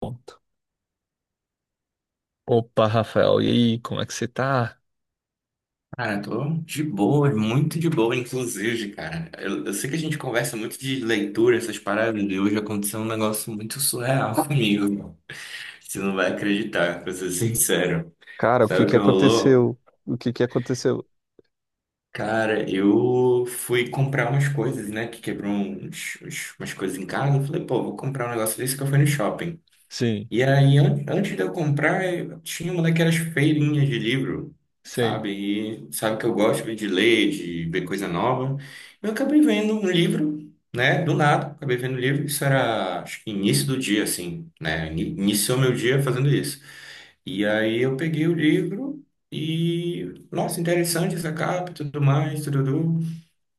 Pronto. Opa, Rafael, e aí, como é que você tá? Cara, eu tô de boa, muito de boa, inclusive, cara. Eu sei que a gente conversa muito de leitura, essas paradas, e hoje aconteceu um negócio muito surreal comigo. Você não vai acreditar, pra ser sincero. Cara, o Sabe que o que que rolou? aconteceu? O que que aconteceu? Cara, eu fui comprar umas coisas, né? Que quebrou umas coisas em casa. Eu falei, pô, vou comprar um negócio desse que eu fui no shopping. Sim, E aí, antes de eu comprar, eu tinha uma daquelas feirinhas de livro, sei. sabe? E sabe que eu gosto de ler, de ver coisa nova. Eu acabei vendo um livro, né? Do nada, acabei vendo um livro. Isso era, acho que início do dia, assim, né? Iniciou meu dia fazendo isso. E aí eu peguei o livro e, nossa, interessante essa capa e tudo mais, tudo.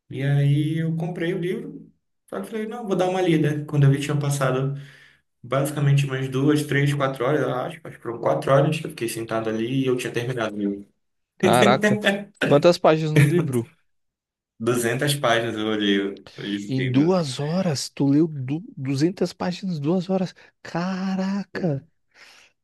E aí eu comprei o livro. Só que falei, não, vou dar uma lida. Quando eu vi, tinha passado. Basicamente umas 2, 3, 4 horas, eu acho. Acho que foram 4 horas que eu fiquei sentado ali e eu tinha terminado. Meu. Caraca, quantas páginas no livro? 200 páginas eu olhei. Eu Em fiquei, meu Deus, o que 2 horas, tu leu du 200 páginas 2 horas. foi? Caraca!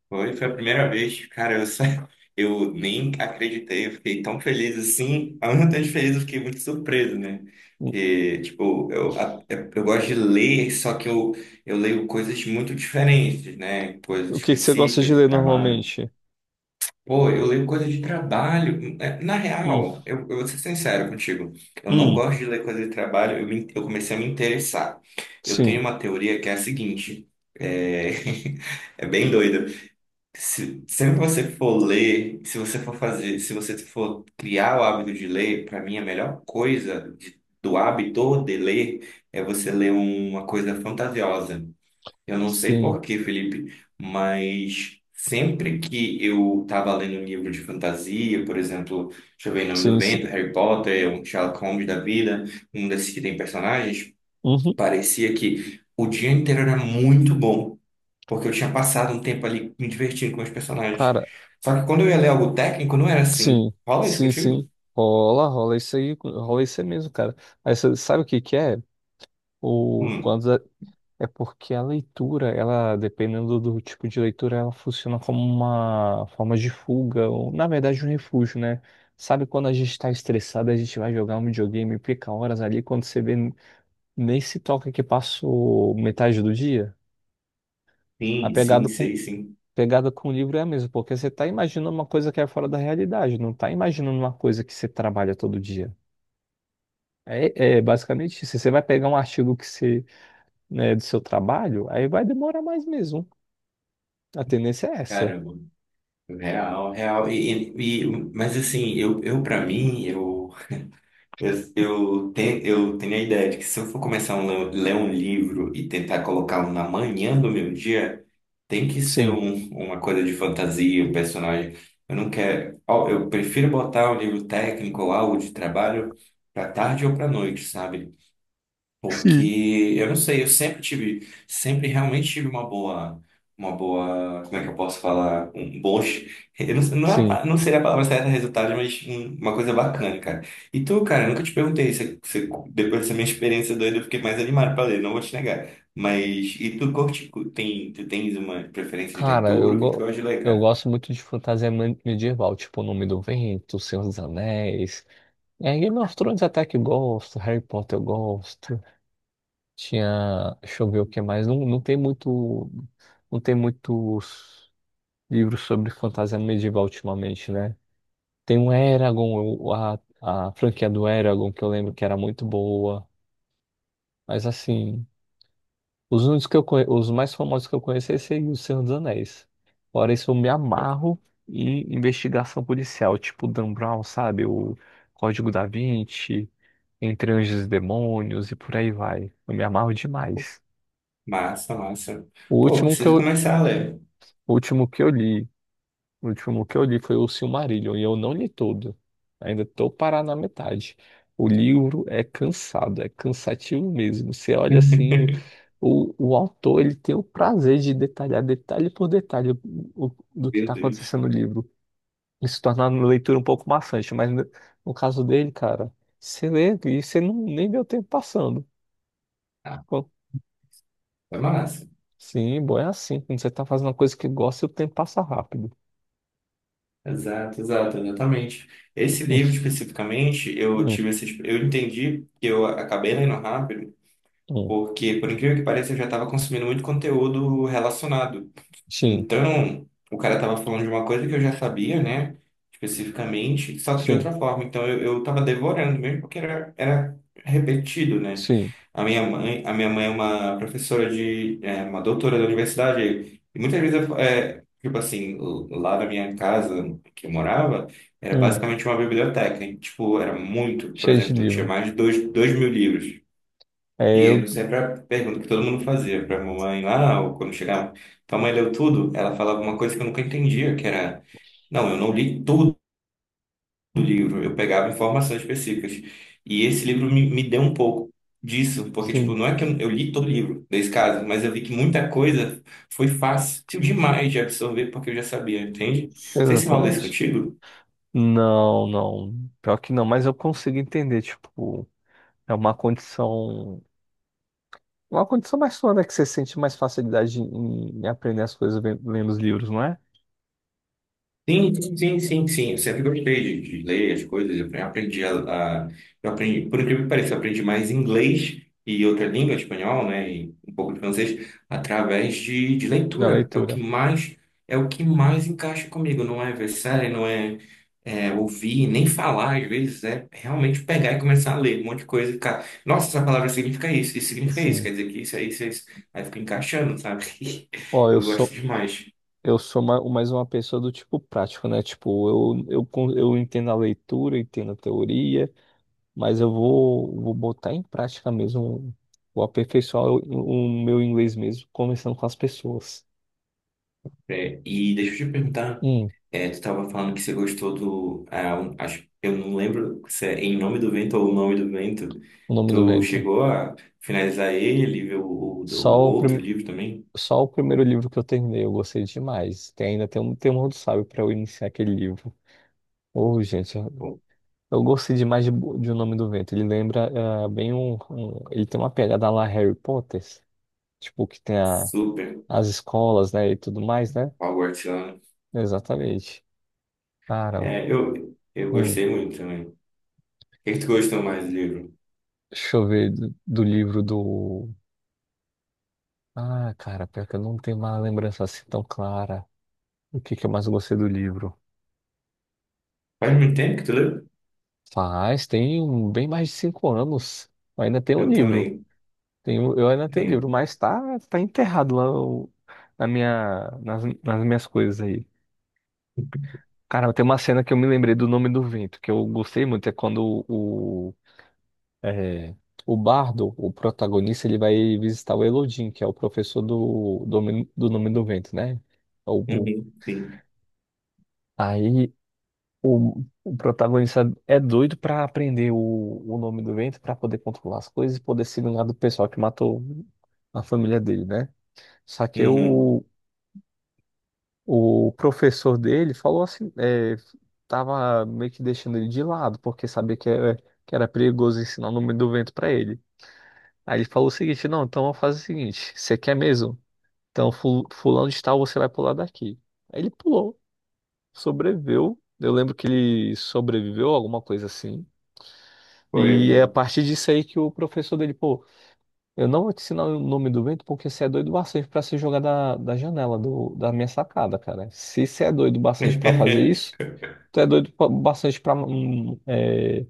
Foi a primeira vez. Cara, eu nem acreditei. Eu fiquei tão feliz assim. A única vez feliz, eu fiquei muito surpreso, né? O Porque, tipo, eu, a- eu eu gosto de ler, só que eu leio coisas muito diferentes, né? Coisas o que que você gosta de específicas de ler trabalho. normalmente? Pô, eu leio coisa de trabalho. É, na Hum, real, eu vou ser sincero contigo. Eu não hum, gosto de ler coisa de trabalho, eu comecei a me interessar. Eu tenho sim, uma teoria que é a seguinte: é, é bem doida. Se, sempre você for ler, se você for fazer, se você for criar o hábito de ler, para mim a melhor coisa do hábito de ler é você ler uma coisa fantasiosa. Eu não sei por sim, quê, Felipe, mas sempre que eu estava lendo um livro de fantasia, por exemplo, deixa eu ver, Em Nome do sim, sim. Vento, Harry Potter, um Sherlock Holmes da vida, um desses que tem personagens, Uhum, parecia que o dia inteiro era muito bom, porque eu tinha passado um tempo ali me divertindo com os personagens. cara, Só que quando eu ia ler algo técnico, não era assim. sim, Rola isso sim, contigo? sim. Rola, rola isso aí mesmo, cara. Aí você sabe o que que é? O Hum, quando, É porque a leitura, ela, dependendo do tipo de leitura, ela funciona como uma forma de fuga, ou na verdade um refúgio, né? Sabe quando a gente está estressado, a gente vai jogar um videogame, e fica horas ali, quando você vê, nem se toca que passou metade do dia? A sim, pegada sim, com, sei, sim. pegada com o livro é a mesma, porque você está imaginando uma coisa que é fora da realidade, não está imaginando uma coisa que você trabalha todo dia. É basicamente isso. Você vai pegar um artigo que você, né, do seu trabalho, aí vai demorar mais mesmo. A tendência é essa. Caramba. Real, real. Mas assim, eu para mim, eu tenho a ideia de que se eu for começar a ler um livro e tentar colocá-lo na manhã do meu dia, tem que ser Sim, uma coisa de fantasia, um personagem. Eu não quero. Ó, eu prefiro botar um livro técnico ou algo de trabalho para tarde ou para noite, sabe? sim. Porque eu não sei, eu sempre tive, sempre realmente tive uma boa, como é que eu posso falar? Um bom, eu não, não, Sim. Não seria a palavra certa resultado, mas uma coisa bacana, cara. E tu, cara, eu nunca te perguntei. Depois dessa minha experiência doida, eu fiquei mais animado pra ler, não vou te negar. Mas, e tu curte, tem, tu tens uma preferência de Cara, leitura? O que que tu gosta de ler, eu cara? gosto muito de fantasia medieval, tipo O Nome do Vento, Senhor dos Anéis. É, Game of Thrones até que eu gosto, Harry Potter eu gosto. Tinha. Deixa eu ver o que mais. Não, não tem muito. Não tem muitos livros sobre fantasia medieval ultimamente, né? Tem o Eragon, a franquia do Eragon, que eu lembro que era muito boa. Mas assim. Os mais famosos que eu conheço é esse aí, O Senhor dos Anéis. Fora isso, eu me amarro em investigação policial, tipo Dan Brown, sabe? O Código da Vinci, Entre Anjos e Demônios e por aí vai. Eu me amarro demais. Massa, massa. O Pô, último que preciso eu, começar a ler. o último que eu li. O último que eu li foi o Silmarillion e eu não li todo. Ainda tô parado na metade. O livro é cansado, é cansativo mesmo. Você olha assim, o autor ele tem o prazer de detalhar detalhe por detalhe o, do que Meu está Deus. acontecendo no livro. Isso torna a leitura um pouco maçante, mas no caso dele, cara, você lê e você não, nem vê o tempo passando. Ah, Pô, foi massa. sim, bom, é assim. Quando você tá fazendo uma coisa que gosta, o tempo passa rápido. Exato, exato, exatamente. Esse Hum, livro especificamente, eu hum, tive esse, eu entendi que eu acabei lendo rápido, hum. porque por incrível que pareça, eu já estava consumindo muito conteúdo relacionado. Sim, Então, o cara tava falando de uma coisa que eu já sabia, né? Especificamente, só que de sim, outra forma. Então, eu tava devorando mesmo porque era repetido, né? sim. A minha mãe é uma professora uma doutora da universidade. E muitas vezes, é, tipo assim, lá na minha casa que eu morava, era Hum. basicamente uma biblioteca. E, tipo, era muito, por Cheio de exemplo, tinha livro. mais de dois mil livros. E É, eu, eu sempre a pergunta que todo mundo fazia pra mamãe lá, ou quando chegava. Então, mãe leu tudo? Ela falava uma coisa que eu nunca entendia, que era, não, eu não li tudo do livro, eu pegava informações específicas. E esse livro me deu um pouco disso, porque, tipo, sim, não é que eu li todo o livro, nesse caso, mas eu vi que muita coisa foi fácil demais de absorver, porque eu já sabia, entende? Não sei se rola isso exatamente. contigo. Não, não. Pior que não, mas eu consigo entender, tipo, é uma condição mais sua, né, que você sente mais facilidade em aprender as coisas lendo os livros, não é? Sim, sim, sim, sim, eu sempre gostei de ler as coisas. Eu aprendi, por incrível que pareça, eu aprendi mais inglês e outra língua, espanhol, né, e um pouco de francês, através de Na leitura. É o que leitura. mais, é o que mais encaixa comigo. Não é ver série, não é, é ouvir, nem falar, às vezes, é realmente pegar e começar a ler um monte de coisa e ficar, nossa, essa palavra significa isso, isso significa isso, Sim. quer dizer que isso, é isso, é isso. Aí fica encaixando, sabe? Ó, eu Eu gosto sou demais. eu sou ma- mais uma pessoa do tipo prático, né? Tipo, eu entendo a leitura, entendo a teoria, mas eu vou botar em prática mesmo, vou aperfeiçoar o meu inglês mesmo, começando com as pessoas. É, e deixa eu te perguntar. Hum. É, tu tava falando que você gostou do, ah, acho, eu não lembro se é Em Nome do Vento ou O Nome do Vento. O Nome do Tu Vento. chegou a finalizar ele, ver o Só o, outro prim... livro também? Só o primeiro livro que eu terminei, eu gostei demais. Ainda tem um temor do sábio para eu iniciar aquele livro. Oh, gente, eu Pô, eu gostei demais de O Nome do Vento. Ele lembra bem. Ele tem uma pegada lá Harry Potter, tipo, que tem super. as escolas, né, e tudo mais, né? Hogwartsiano. Exatamente. Cara, É, eu hum, gostei muito também. O que que tu gostou mais do livro? deixa eu ver do livro do. Ah, cara, pior que eu não tenho uma lembrança assim tão clara. O que que eu mais gostei do livro? Faz muito tempo que tu leu? Tem um, bem mais de 5 anos. Eu ainda tenho o Eu livro. também. Tenho, eu ainda tenho o livro, Tenho. mas tá enterrado lá nas minhas coisas aí. Cara, tem uma cena que eu me lembrei do Nome do Vento, que eu gostei muito, é quando é, o Bardo, o protagonista, ele vai visitar o Elodin, que é o professor do Nome do Vento, né? O, o- Uhum, sim. aí o protagonista é doido pra aprender o nome do vento pra poder controlar as coisas e poder se vingar do pessoal que matou a família dele, né? Só que Uhum. o professor dele falou assim, tava meio que deixando ele de lado, porque sabia que era perigoso ensinar o nome do vento pra ele. Aí ele falou o seguinte, não, então vamos fazer o seguinte, você quer mesmo? Então fulano de tal, você vai pular daqui. Aí ele pulou, sobreviveu. Eu lembro que ele sobreviveu, alguma coisa assim. Foi, E é a foi. partir disso aí que o professor dele, pô, eu não vou te ensinar o nome do vento porque você é doido bastante pra se jogar da janela da minha sacada, cara. Se você é doido bastante pra fazer isso, tu é doido bastante pra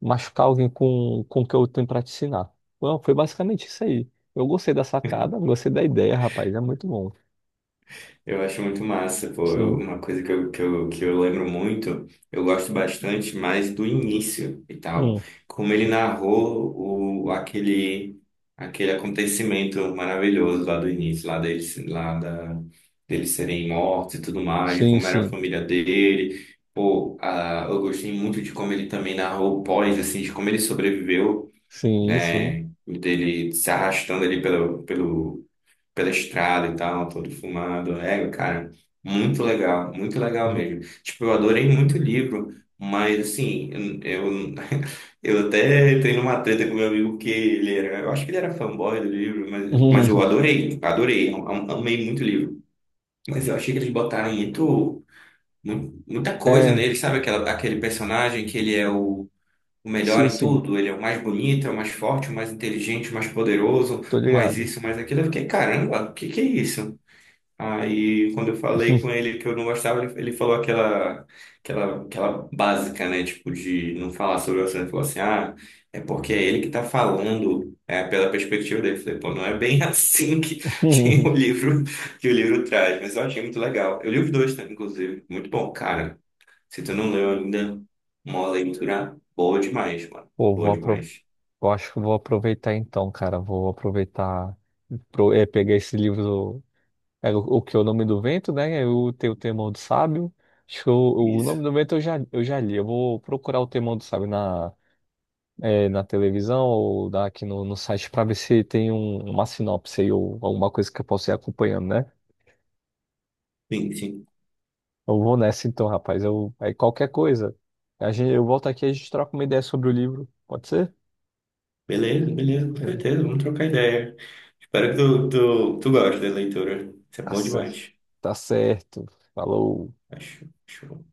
machucar alguém com o que eu tenho pra te ensinar. Bom, foi basicamente isso aí. Eu gostei da sacada, gostei da ideia, rapaz, é muito bom. Eu acho muito massa, pô. Sim. Uma coisa que eu lembro muito, eu gosto bastante mais do início e tal. Hum. Como ele narrou aquele acontecimento maravilhoso lá do início, lá deles, deles serem mortos e tudo mais, Sim, como era a sim, família dele. Pô, eu gostei muito de como ele também narrou o pós, assim, de como ele sobreviveu, sim, sim. né? Dele se arrastando ali pelo, pelo pela estrada e tal, todo fumado. É, cara, muito legal mesmo. Tipo, eu adorei muito o livro, mas assim, eu, eu até entrei numa treta com meu amigo porque ele era, eu acho que ele era fanboy do livro, mas Uhum. eu adorei, adorei, amei muito o livro. Mas eu achei que eles botaram muita coisa É, nele, sabe? Aquele personagem que ele é o melhor sim, em sim, tudo, ele é o mais bonito, é o mais forte, o mais inteligente, o mais poderoso tô o mais ligado. isso, o mais aquilo. Eu fiquei, caramba, o que que é isso? Aí, quando eu falei com ele que eu não gostava, ele falou aquela básica, né? Tipo, de não falar sobre o assunto. Ele falou assim: ah, é porque é ele que tá falando, é pela perspectiva dele. Eu falei, pô, não é bem assim que o livro, que o livro traz, mas eu achei muito legal. Eu li os dois, né, inclusive. Muito bom, cara. Se tu não leu ainda, uma leitura boa demais, mano. Pô, vou Boa aproveitar. demais. Eu acho que eu vou aproveitar então, cara. Vou aproveitar, pegar esse livro, o que é o Nome do Vento, né? Eu tenho o Temor do Sábio. Acho que o Isso. Nome do Vento eu já li. Eu vou procurar o Temor do Sábio na televisão ou dar aqui no site para ver se tem uma sinopse aí ou alguma coisa que eu possa ir acompanhando, né? Sim, sim. Eu vou nessa então, rapaz. Eu, aí qualquer coisa, a gente, eu volto aqui e a gente troca uma ideia sobre o livro. Pode ser? Beleza, beleza, com Eh, certeza. Vamos trocar ideia. Espero que tu goste da leitura. Isso é Tá bom certo. demais. Tá certo. Falou. Acho, acho